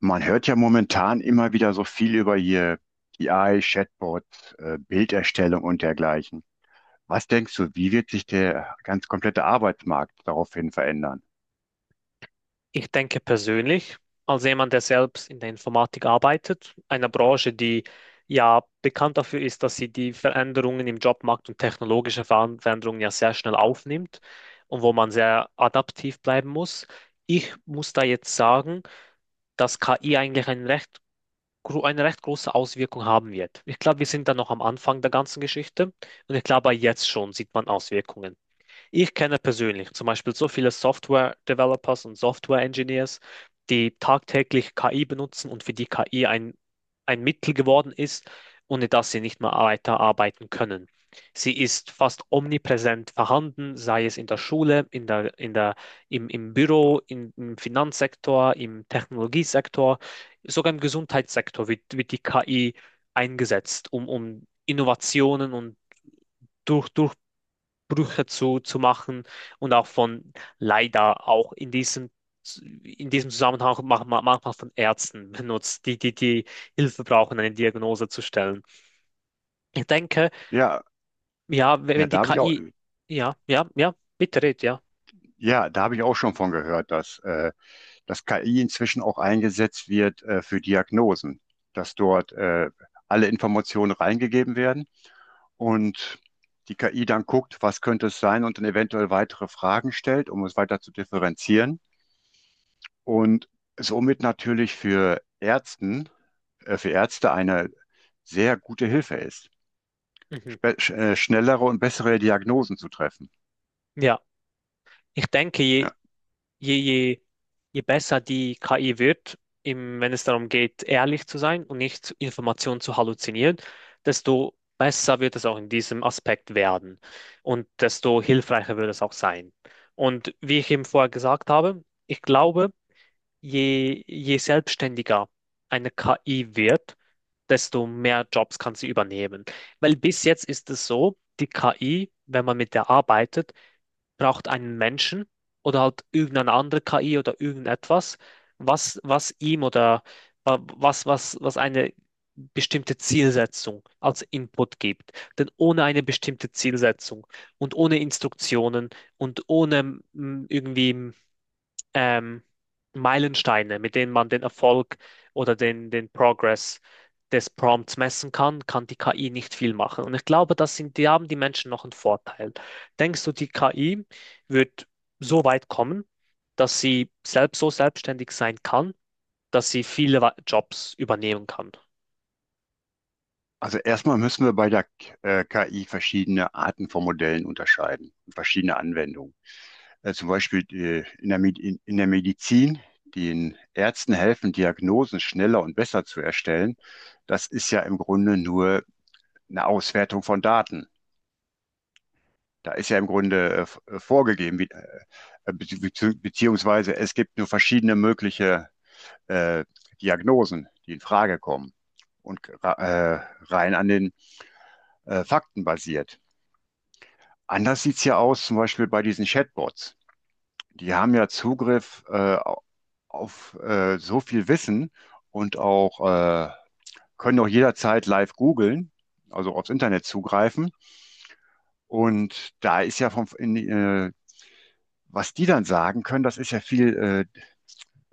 Man hört ja momentan immer wieder so viel über hier KI, Chatbot, Bilderstellung und dergleichen. Was denkst du, wie wird sich der ganz komplette Arbeitsmarkt daraufhin verändern? Ich denke persönlich, als jemand, der selbst in der Informatik arbeitet, einer Branche, die ja bekannt dafür ist, dass sie die Veränderungen im Jobmarkt und technologische Veränderungen ja sehr schnell aufnimmt und wo man sehr adaptiv bleiben muss. Ich muss da jetzt sagen, dass KI eigentlich eine recht große Auswirkung haben wird. Ich glaube, wir sind da noch am Anfang der ganzen Geschichte und ich glaube, jetzt schon sieht man Auswirkungen. Ich kenne persönlich zum Beispiel so viele Software-Developers und Software-Engineers, die tagtäglich KI benutzen und für die KI ein Mittel geworden ist, ohne das sie nicht mehr weiterarbeiten können. Sie ist fast omnipräsent vorhanden, sei es in der Schule, im Büro, im Finanzsektor, im Technologiesektor, sogar im Gesundheitssektor wird die KI eingesetzt, um Innovationen und durch, Brüche zu machen und auch von leider auch in diesem Zusammenhang manchmal von Ärzten benutzt, die Hilfe brauchen, eine Diagnose zu stellen. Ich denke, Ja, ja, wenn ja, wenn da die habe ich auch, KI. Ja, ja, ja, bitte red, ja. ja, da habe ich auch schon von gehört, dass KI inzwischen auch eingesetzt wird, für Diagnosen, dass dort alle Informationen reingegeben werden und die KI dann guckt, was könnte es sein und dann eventuell weitere Fragen stellt, um es weiter zu differenzieren. Und somit natürlich für Ärzten, für Ärzte eine sehr gute Hilfe ist, Mhm. Schnellere und bessere Diagnosen zu treffen. Ja, ich denke, Ja. Je, je, je besser die KI wird, wenn es darum geht, ehrlich zu sein und nicht Informationen zu halluzinieren, desto besser wird es auch in diesem Aspekt werden und desto hilfreicher wird es auch sein. Und wie ich eben vorher gesagt habe, ich glaube, je selbstständiger eine KI wird, desto mehr Jobs kann sie übernehmen. Weil bis jetzt ist es so, die KI, wenn man mit der arbeitet, braucht einen Menschen oder halt irgendeine andere KI oder irgendetwas, was ihm oder was eine bestimmte Zielsetzung als Input gibt. Denn ohne eine bestimmte Zielsetzung und ohne Instruktionen und ohne irgendwie ähm, Meilensteine, mit denen man den Erfolg oder den Progress des Prompts messen kann, kann die KI nicht viel machen. Und ich glaube, die haben die Menschen noch einen Vorteil. Denkst du, die KI wird so weit kommen, dass sie selbst so selbstständig sein kann, dass sie viele Jobs übernehmen kann? Also erstmal müssen wir bei der KI verschiedene Arten von Modellen unterscheiden, verschiedene Anwendungen. Zum Beispiel in der, Med- in der Medizin, den Ärzten helfen, Diagnosen schneller und besser zu erstellen. Das ist ja im Grunde nur eine Auswertung von Daten. Da ist ja im Grunde vorgegeben, wie, be beziehungsweise es gibt nur verschiedene mögliche äh, Diagnosen, die in Frage kommen und rein an den Fakten basiert. Anders sieht es ja aus, zum Beispiel bei diesen Chatbots. Die haben ja Zugriff auf so viel Wissen und auch äh, können auch jederzeit live googeln, also aufs Internet zugreifen. Und da ist ja vom, in, was die dann sagen können, das ist ja viel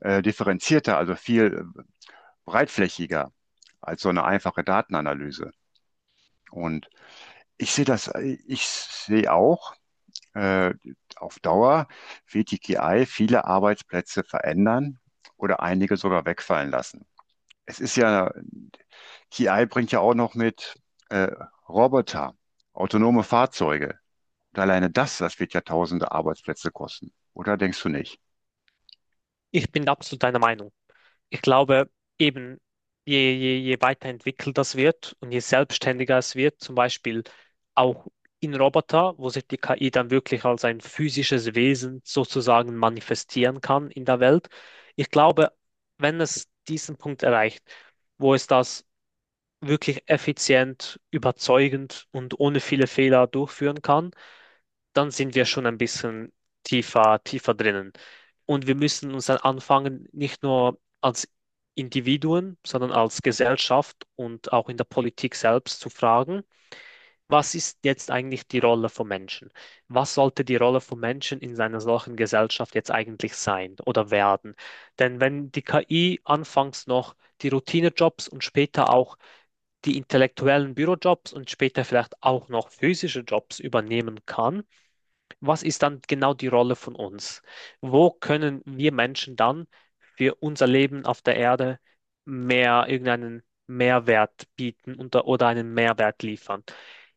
differenzierter, also viel breitflächiger als so eine einfache Datenanalyse. Und ich sehe das, ich sehe auch, äh, auf Dauer wird die KI viele Arbeitsplätze verändern oder einige sogar wegfallen lassen. Es ist ja, KI bringt ja auch noch mit äh, Roboter, autonome Fahrzeuge. Und alleine das wird ja tausende Arbeitsplätze kosten. Oder denkst du nicht? Ich bin absolut deiner Meinung. Ich glaube, eben je weiterentwickelt das wird und je selbstständiger es wird, zum Beispiel auch in Roboter, wo sich die KI dann wirklich als ein physisches Wesen sozusagen manifestieren kann in der Welt. Ich glaube, wenn es diesen Punkt erreicht, wo es das wirklich effizient, überzeugend und ohne viele Fehler durchführen kann, dann sind wir schon ein bisschen tiefer, tiefer drinnen. Und wir müssen uns dann anfangen, nicht nur als Individuen, sondern als Gesellschaft und auch in der Politik selbst zu fragen, was ist jetzt eigentlich die Rolle von Menschen? Was sollte die Rolle von Menschen in einer solchen Gesellschaft jetzt eigentlich sein oder werden? Denn wenn die KI anfangs noch die Routinejobs und später auch die intellektuellen Bürojobs und später vielleicht auch noch physische Jobs übernehmen kann, was ist dann genau die Rolle von uns? Wo können wir Menschen dann für unser Leben auf der Erde mehr irgendeinen Mehrwert bieten oder einen Mehrwert liefern?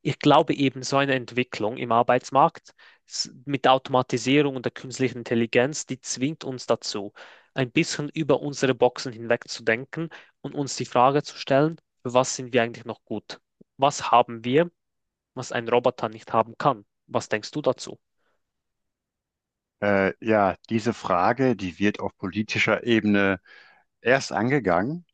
Ich glaube eben, so eine Entwicklung im Arbeitsmarkt mit der Automatisierung und der künstlichen Intelligenz, die zwingt uns dazu, ein bisschen über unsere Boxen hinweg zu denken und uns die Frage zu stellen, für was sind wir eigentlich noch gut? Was haben wir, was ein Roboter nicht haben kann? Was denkst du dazu? Ja, diese Frage, die wird auf politischer Ebene erst angegangen,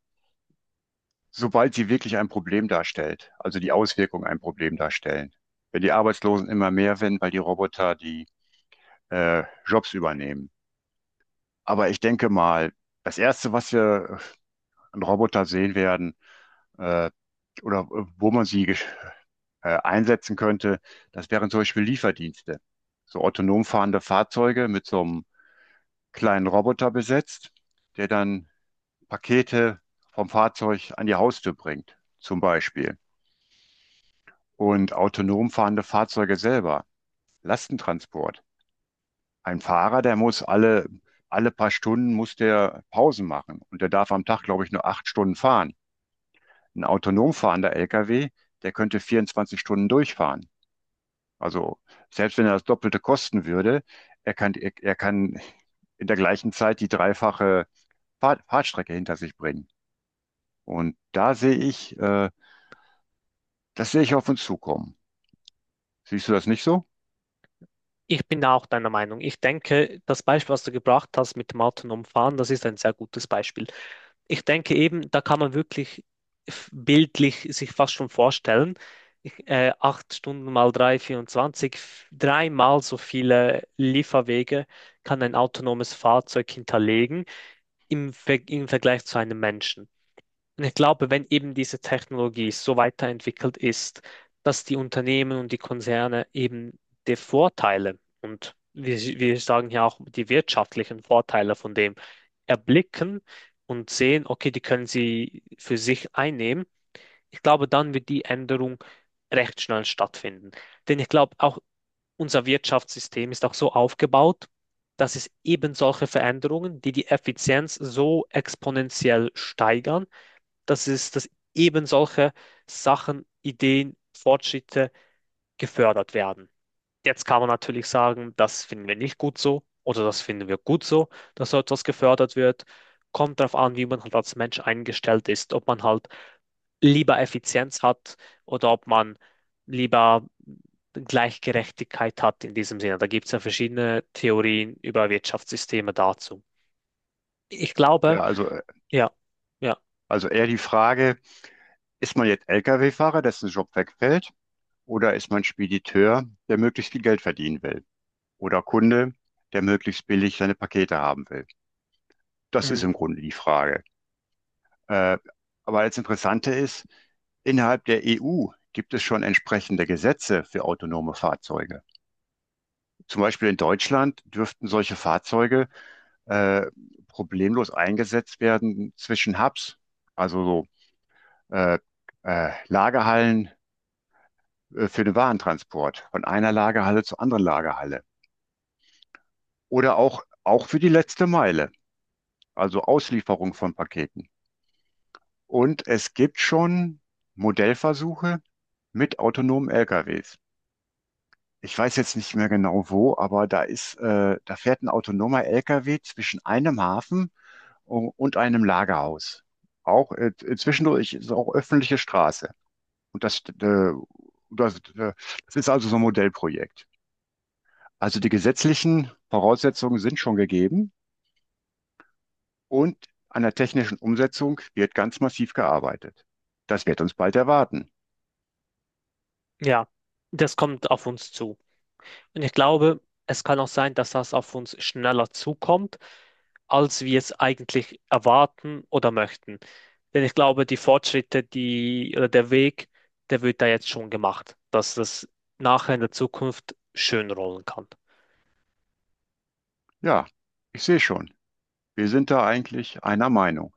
sobald sie wirklich ein Problem darstellt, also die Auswirkungen ein Problem darstellen. Wenn die Arbeitslosen immer mehr werden, weil die Roboter die Jobs übernehmen. Aber ich denke mal, das Erste, was wir an Roboter sehen werden, äh, oder wo man sie einsetzen könnte, das wären zum Beispiel Lieferdienste. So autonom fahrende Fahrzeuge mit so einem kleinen Roboter besetzt, der dann Pakete vom Fahrzeug an die Haustür bringt, zum Beispiel. Und autonom fahrende Fahrzeuge selber, Lastentransport. Ein Fahrer, der muss alle paar Stunden muss der Pausen machen und der darf am Tag, glaube ich, nur 8 Stunden fahren. Ein autonom fahrender LKW, der könnte 24 Stunden durchfahren. Also selbst wenn er das Doppelte kosten würde, er kann in der gleichen Zeit die dreifache Fahrstrecke hinter sich bringen. Und da sehe ich, das sehe ich auf uns zukommen. Siehst du das nicht so? Ich bin auch deiner Meinung. Ich denke, das Beispiel, was du gebracht hast mit dem autonomen Fahren, das ist ein sehr gutes Beispiel. Ich denke eben, da kann man wirklich bildlich sich fast schon vorstellen, 8 Stunden mal 3, 24, dreimal so viele Lieferwege kann ein autonomes Fahrzeug hinterlegen im Vergleich zu einem Menschen. Und ich glaube, wenn eben diese Technologie so weiterentwickelt ist, dass die Unternehmen und die Konzerne eben die Vorteile und wir sagen ja auch die wirtschaftlichen Vorteile von dem erblicken und sehen, okay, die können sie für sich einnehmen. Ich glaube, dann wird die Änderung recht schnell stattfinden. Denn ich glaube, auch unser Wirtschaftssystem ist auch so aufgebaut, dass es eben solche Veränderungen, die die Effizienz so exponentiell steigern, dass eben solche Sachen, Ideen, Fortschritte gefördert werden. Jetzt kann man natürlich sagen, das finden wir nicht gut so oder das finden wir gut so, dass so etwas gefördert wird. Kommt darauf an, wie man halt als Mensch eingestellt ist, ob man halt lieber Effizienz hat oder ob man lieber Gleichgerechtigkeit hat in diesem Sinne. Da gibt es ja verschiedene Theorien über Wirtschaftssysteme dazu. Ich Ja, glaube. Ja, ja, also eher die Frage, ist man jetzt Lkw-Fahrer, dessen Job wegfällt, oder ist man Spediteur, der möglichst viel Geld verdienen will? Oder Kunde, der möglichst billig seine Pakete haben will? Das ist mm, im Grunde die Frage. Äh, aber das Interessante ist, innerhalb der EU gibt es schon entsprechende Gesetze für autonome Fahrzeuge. Zum Beispiel in Deutschland dürften solche Fahrzeuge äh, problemlos eingesetzt werden zwischen Hubs. Also so äh, Lagerhallen für den Warentransport von einer Lagerhalle zur anderen Lagerhalle. Oder auch, auch für die letzte Meile, also Auslieferung von Paketen. Und es gibt schon Modellversuche mit autonomen LKWs. Ich weiß jetzt nicht mehr genau wo, aber da fährt ein autonomer LKW zwischen einem Hafen und einem Lagerhaus. Auch zwischendurch ist auch öffentliche Straße. Und das, äh, das ist also so ein Modellprojekt. Also die gesetzlichen Voraussetzungen sind schon gegeben und an der technischen Umsetzung wird ganz massiv gearbeitet. Das wird uns bald erwarten. ja, das kommt auf uns zu. Und ich glaube, es kann auch sein, dass das auf uns schneller zukommt, als wir es eigentlich erwarten oder möchten. Denn ich glaube, die Fortschritte, die oder der Weg, der wird da jetzt schon gemacht, dass das nachher in der Zukunft schön rollen kann. Ja, ich sehe schon. Wir sind da eigentlich einer Meinung.